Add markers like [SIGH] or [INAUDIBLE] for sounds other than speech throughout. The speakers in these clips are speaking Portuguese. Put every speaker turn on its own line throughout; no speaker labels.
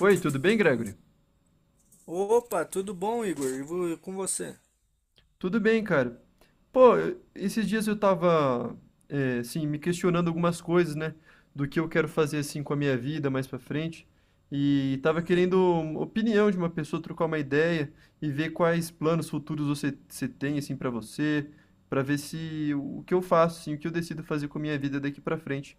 Oi, tudo bem, Gregory?
Opa, tudo bom, Igor? E com você?
Tudo bem, cara. Pô, esses dias eu tava, assim, me questionando algumas coisas, né? Do que eu quero fazer, assim, com a minha vida mais pra frente. E tava querendo
Hum.
uma opinião de uma pessoa, trocar uma ideia e ver quais planos futuros você tem, assim, pra você, pra ver se o que eu faço, assim, o que eu decido fazer com a minha vida daqui pra frente.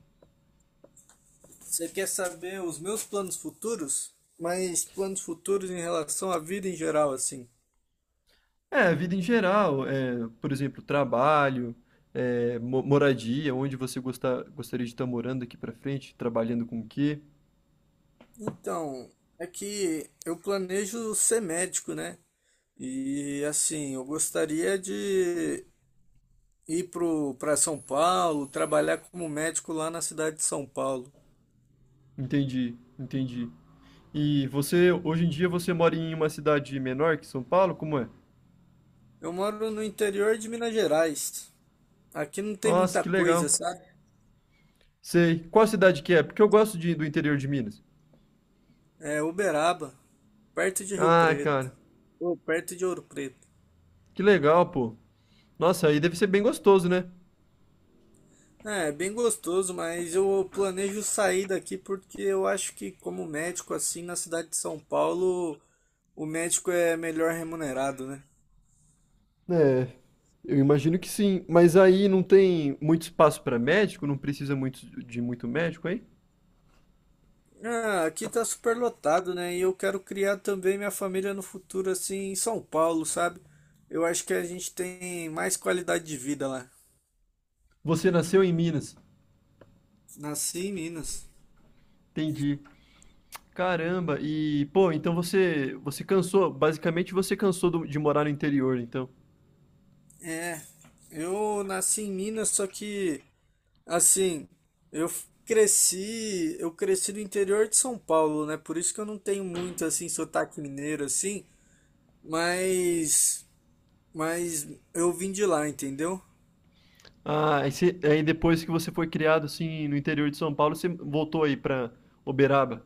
Você quer saber os meus planos futuros? Mas planos futuros em relação à vida em geral, assim.
É, a vida em geral, por exemplo, trabalho, moradia, onde gostaria de estar morando aqui pra frente, trabalhando com o quê?
Então, é que eu planejo ser médico, né? E assim, eu gostaria de ir para São Paulo, trabalhar como médico lá na cidade de São Paulo.
Entendi, entendi. E você, hoje em dia, você mora em uma cidade menor que São Paulo? Como é?
Eu moro no interior de Minas Gerais. Aqui não tem
Nossa,
muita
que
coisa,
legal.
sabe?
Sei. Qual cidade que é? Porque eu gosto do interior de Minas.
É Uberaba, perto de Rio
Ah,
Preto,
cara,
ou perto de Ouro Preto.
que legal, pô. Nossa, aí deve ser bem gostoso, né?
É, é bem gostoso, mas eu planejo sair daqui porque eu acho que como médico assim na cidade de São Paulo, o médico é melhor remunerado, né?
É, eu imagino que sim. Mas aí não tem muito espaço pra médico? Não precisa muito médico aí?
Ah, aqui tá super lotado, né? E eu quero criar também minha família no futuro assim em São Paulo, sabe? Eu acho que a gente tem mais qualidade de vida lá.
Você nasceu em Minas.
Nasci em Minas.
Entendi. Caramba, e pô, então você cansou, basicamente você cansou de morar no interior, então.
É, eu nasci em Minas, só que assim, eu cresci no interior de São Paulo, né? Por isso que eu não tenho muito assim sotaque mineiro assim, mas mas eu vim de lá, entendeu?
Ah, aí, aí depois que você foi criado assim no interior de São Paulo, você voltou aí pra Uberaba.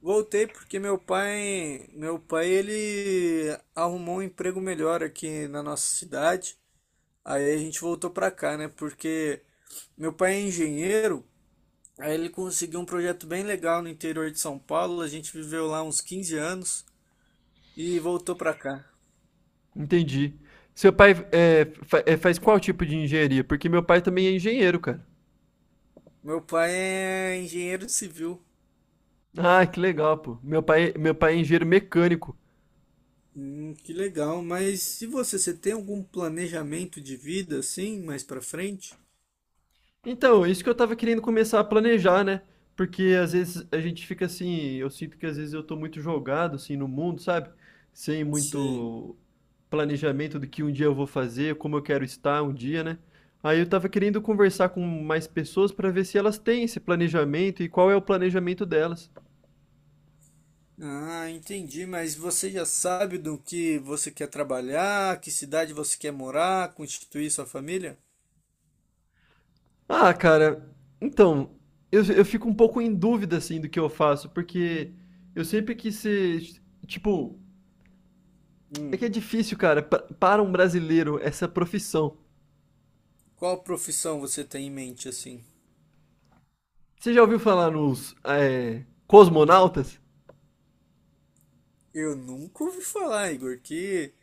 Voltei porque meu pai ele arrumou um emprego melhor aqui na nossa cidade. Aí a gente voltou pra cá, né? Porque meu pai é engenheiro, aí ele conseguiu um projeto bem legal no interior de São Paulo, a gente viveu lá uns 15 anos e voltou pra cá.
Entendi. Seu pai faz qual tipo de engenharia? Porque meu pai também é engenheiro, cara.
Meu pai é engenheiro civil.
Ah, que legal, pô. Meu pai é engenheiro mecânico.
Que legal. Mas se você tem algum planejamento de vida assim, mais pra frente?
Então, é isso que eu tava querendo começar a planejar, né? Porque às vezes a gente fica assim, eu sinto que às vezes eu tô muito jogado assim no mundo, sabe? Sem
Sim.
muito planejamento do que um dia eu vou fazer, como eu quero estar um dia, né? Aí eu tava querendo conversar com mais pessoas pra ver se elas têm esse planejamento e qual é o planejamento delas.
Ah, entendi. Mas você já sabe do que você quer trabalhar, que cidade você quer morar, constituir sua família?
Ah, cara, então, eu fico um pouco em dúvida assim do que eu faço, porque eu sempre quis ser, tipo, é que
Hum.
é difícil, cara, para um brasileiro essa profissão.
Qual profissão você tem em mente assim?
Você já ouviu falar nos cosmonautas?
Eu nunca ouvi falar, Igor. Que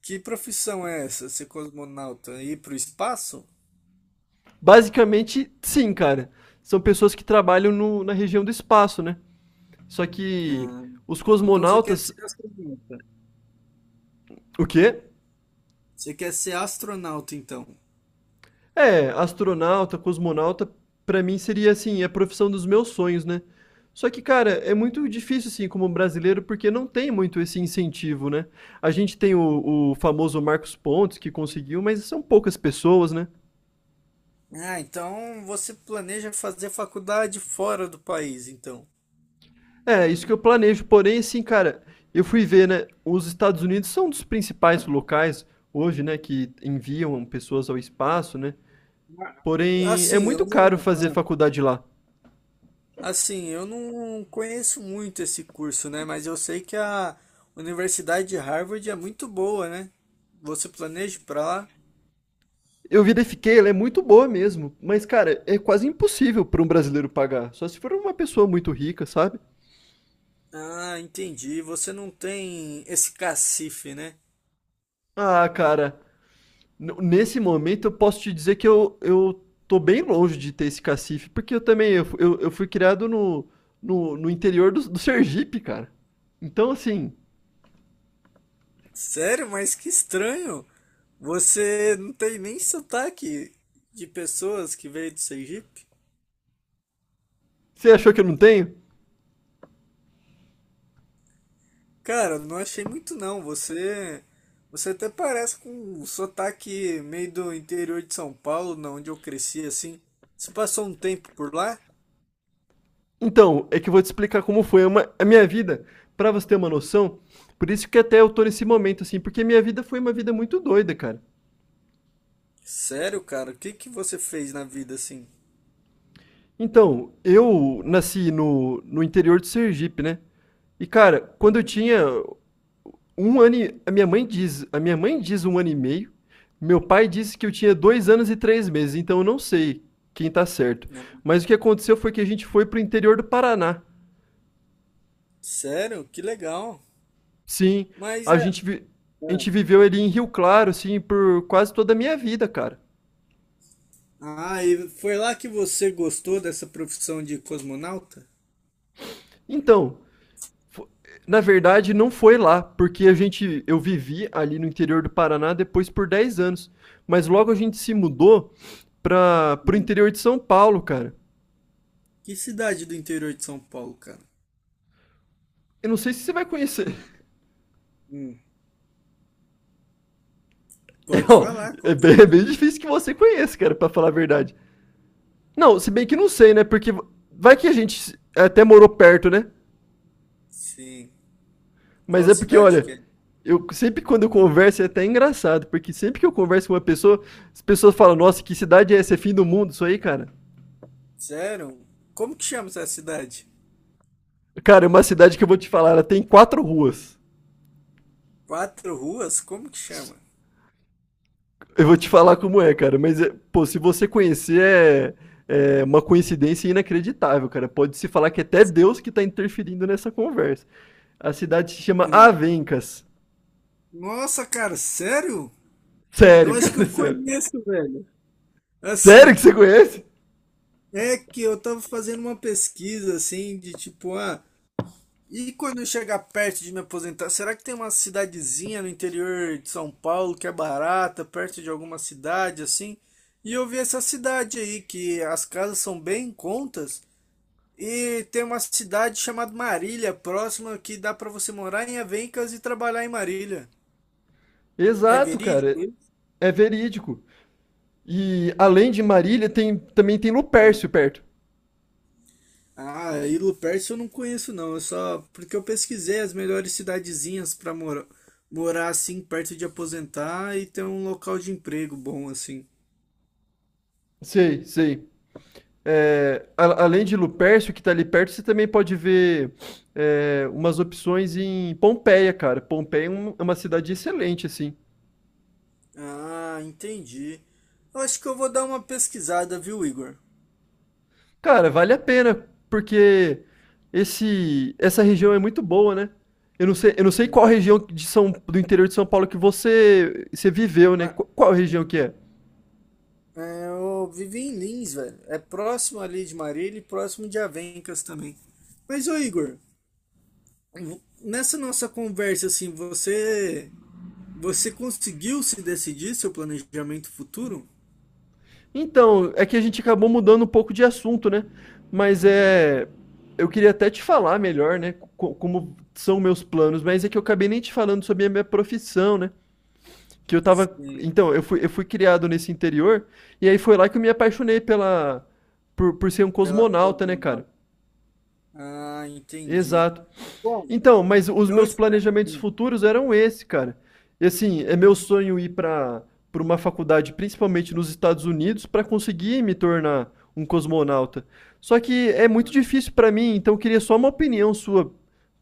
que profissão é essa? Ser cosmonauta? Ir pro espaço?
Basicamente, sim, cara. São pessoas que trabalham na região do espaço, né? Só que
Ah,
os
então você quer
cosmonautas.
ser astronauta?
O quê?
Você quer ser astronauta, então?
É, astronauta, cosmonauta, pra mim seria assim, a profissão dos meus sonhos, né? Só que, cara, é muito difícil, assim, como brasileiro, porque não tem muito esse incentivo, né? A gente tem o famoso Marcos Pontes, que conseguiu, mas são poucas pessoas, né?
Ah, então você planeja fazer faculdade fora do país, então.
É, isso que eu planejo. Porém, assim, cara, eu fui ver, né? Os Estados Unidos são um dos principais locais hoje, né? Que enviam pessoas ao espaço, né?
Ah,
Porém, é
assim,
muito caro fazer faculdade lá.
eu não conheço muito esse curso, né? Mas eu sei que a Universidade de Harvard é muito boa, né? Você planeja ir pra lá?
Eu verifiquei, ela é muito boa mesmo. Mas, cara, é quase impossível para um brasileiro pagar. Só se for uma pessoa muito rica, sabe?
Ah, entendi. Você não tem esse cacife, né?
Ah, cara, Nesse momento, eu posso te dizer que eu tô bem longe de ter esse cacife, porque eu também eu, fu- eu fui criado no interior do Sergipe, cara. Então, assim,
Sério? Mas que estranho. Você não tem nem sotaque de pessoas que veio do Sergipe?
você achou que eu não tenho?
Cara, não achei muito não. Você até parece com um sotaque meio do interior de São Paulo, na onde eu cresci assim. Você passou um tempo por lá?
Então, é que eu vou te explicar como foi uma a minha vida, pra você ter uma noção. Por isso que até eu tô nesse momento, assim, porque minha vida foi uma vida muito doida, cara.
Sério, cara, o que que você fez na vida assim?
Então, eu nasci no interior do Sergipe, né? E, cara, quando eu
Uhum.
tinha 1 ano e... A minha mãe diz 1 ano e meio. Meu pai disse que eu tinha 2 anos e 3 meses, então eu não sei quem tá certo.
Né?
Mas o que aconteceu foi que a gente foi pro interior do Paraná.
Sério? Que legal.
Sim,
Mas
a
é.
gente, vi-
É.
a gente viveu ali em Rio Claro, assim, por quase toda a minha vida, cara.
Ah, e foi lá que você gostou dessa profissão de cosmonauta?
Então, fo- na verdade, não foi lá, porque eu vivi ali no interior do Paraná depois por 10 anos. Mas logo a gente se mudou para pro
Hum.
interior de São Paulo, cara.
Que cidade do interior de São Paulo, cara?
Eu não sei se você vai conhecer.
Hum. Pode
Ó,
falar,
é
qual?
bem, é bem difícil que você conheça, cara, pra falar a verdade. Não, se bem que não sei, né? Porque vai que a gente até morou perto, né?
Sim.
Mas
Qual
é porque,
cidade que
olha,
é?
eu sempre quando eu converso é até engraçado, porque sempre que eu converso com uma pessoa, as pessoas falam, nossa, que cidade é essa? É fim do mundo isso aí, cara?
Sério? Como que chama essa cidade?
Cara, é uma cidade que eu vou te falar, ela tem quatro ruas.
Quatro ruas? Como que chama?
Eu vou te falar como é, cara, mas, pô, se você conhecer, é uma coincidência inacreditável, cara. Pode-se falar que é até Deus que tá interferindo nessa conversa. A cidade se chama
Uhum.
Avencas.
Nossa, cara, sério? Eu
Sério,
acho que
cara, [LAUGHS]
eu
sério.
conheço, velho.
Sério que
Assim,
você conhece?
é que eu tava fazendo uma pesquisa assim de tipo, e quando eu chegar perto de me aposentar, será que tem uma cidadezinha no interior de São Paulo que é barata, perto de alguma cidade assim? E eu vi essa cidade aí que as casas são bem em contas. E tem uma cidade chamada Marília, próxima, que dá para você morar em Avencas e trabalhar em Marília. É
Exato,
verídico
cara.
isso?
É verídico. E além de Marília, também tem Lupércio perto.
Ah, e Lupercio eu não conheço não, é só porque eu pesquisei as melhores cidadezinhas para morar, assim perto de aposentar e ter um local de emprego bom assim.
Sei, sei. É, além de Lupercio, que tá ali perto, você também pode ver umas opções em Pompeia, cara. Pompeia é uma cidade excelente, assim.
Ah, entendi. Eu acho que eu vou dar uma pesquisada, viu, Igor?
Cara, vale a pena, porque essa região é muito boa, né? Eu não sei qual
Uhum.
região de do interior de São Paulo que você viveu, né?
Mas,
Qual, região que é?
eu vivi em Lins, velho. É próximo ali de Marília e próximo de Avencas também. Mas, ô Igor, nessa nossa conversa, assim, você conseguiu se decidir seu planejamento futuro?
Então, é que a gente acabou mudando um pouco de assunto, né? Mas é. Eu queria até te falar melhor, né? Como são meus planos, mas é que eu acabei nem te falando sobre a minha profissão, né? Que eu tava.
Sim,
Então, eu fui criado nesse interior, e aí foi lá que eu me apaixonei pela. Por ser um
pela
cosmonauta, né,
pós-monal.
cara?
Ah, entendi.
Exato.
Bom,
Então, mas os
eu
meus
espero.
planejamentos futuros eram esse, cara. E assim, é meu sonho ir para uma faculdade, principalmente nos Estados Unidos, para conseguir me tornar um cosmonauta. Só que é muito difícil para mim, então eu queria só uma opinião sua.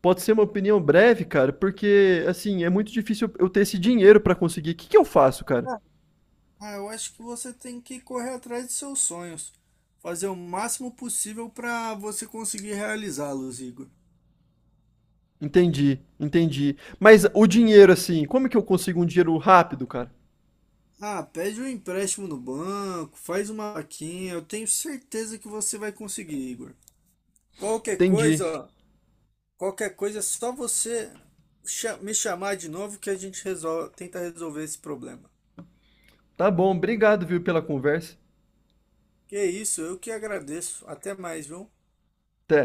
Pode ser uma opinião breve, cara, porque assim, é muito difícil eu ter esse dinheiro para conseguir. O que que eu faço, cara?
Ah, eu acho que você tem que correr atrás dos seus sonhos, fazer o máximo possível para você conseguir realizá-los, Igor.
Entendi, entendi. Mas o dinheiro, assim, como que eu consigo um dinheiro rápido, cara?
Ah, pede um empréstimo no banco, faz uma vaquinha, eu tenho certeza que você vai conseguir, Igor. Qualquer
Entendi.
coisa, ó, Qualquer coisa é só você me chamar de novo que a gente resolve, tenta resolver esse problema.
Tá bom, obrigado, viu, pela conversa.
Que é isso, eu que agradeço. Até mais, viu?
Até.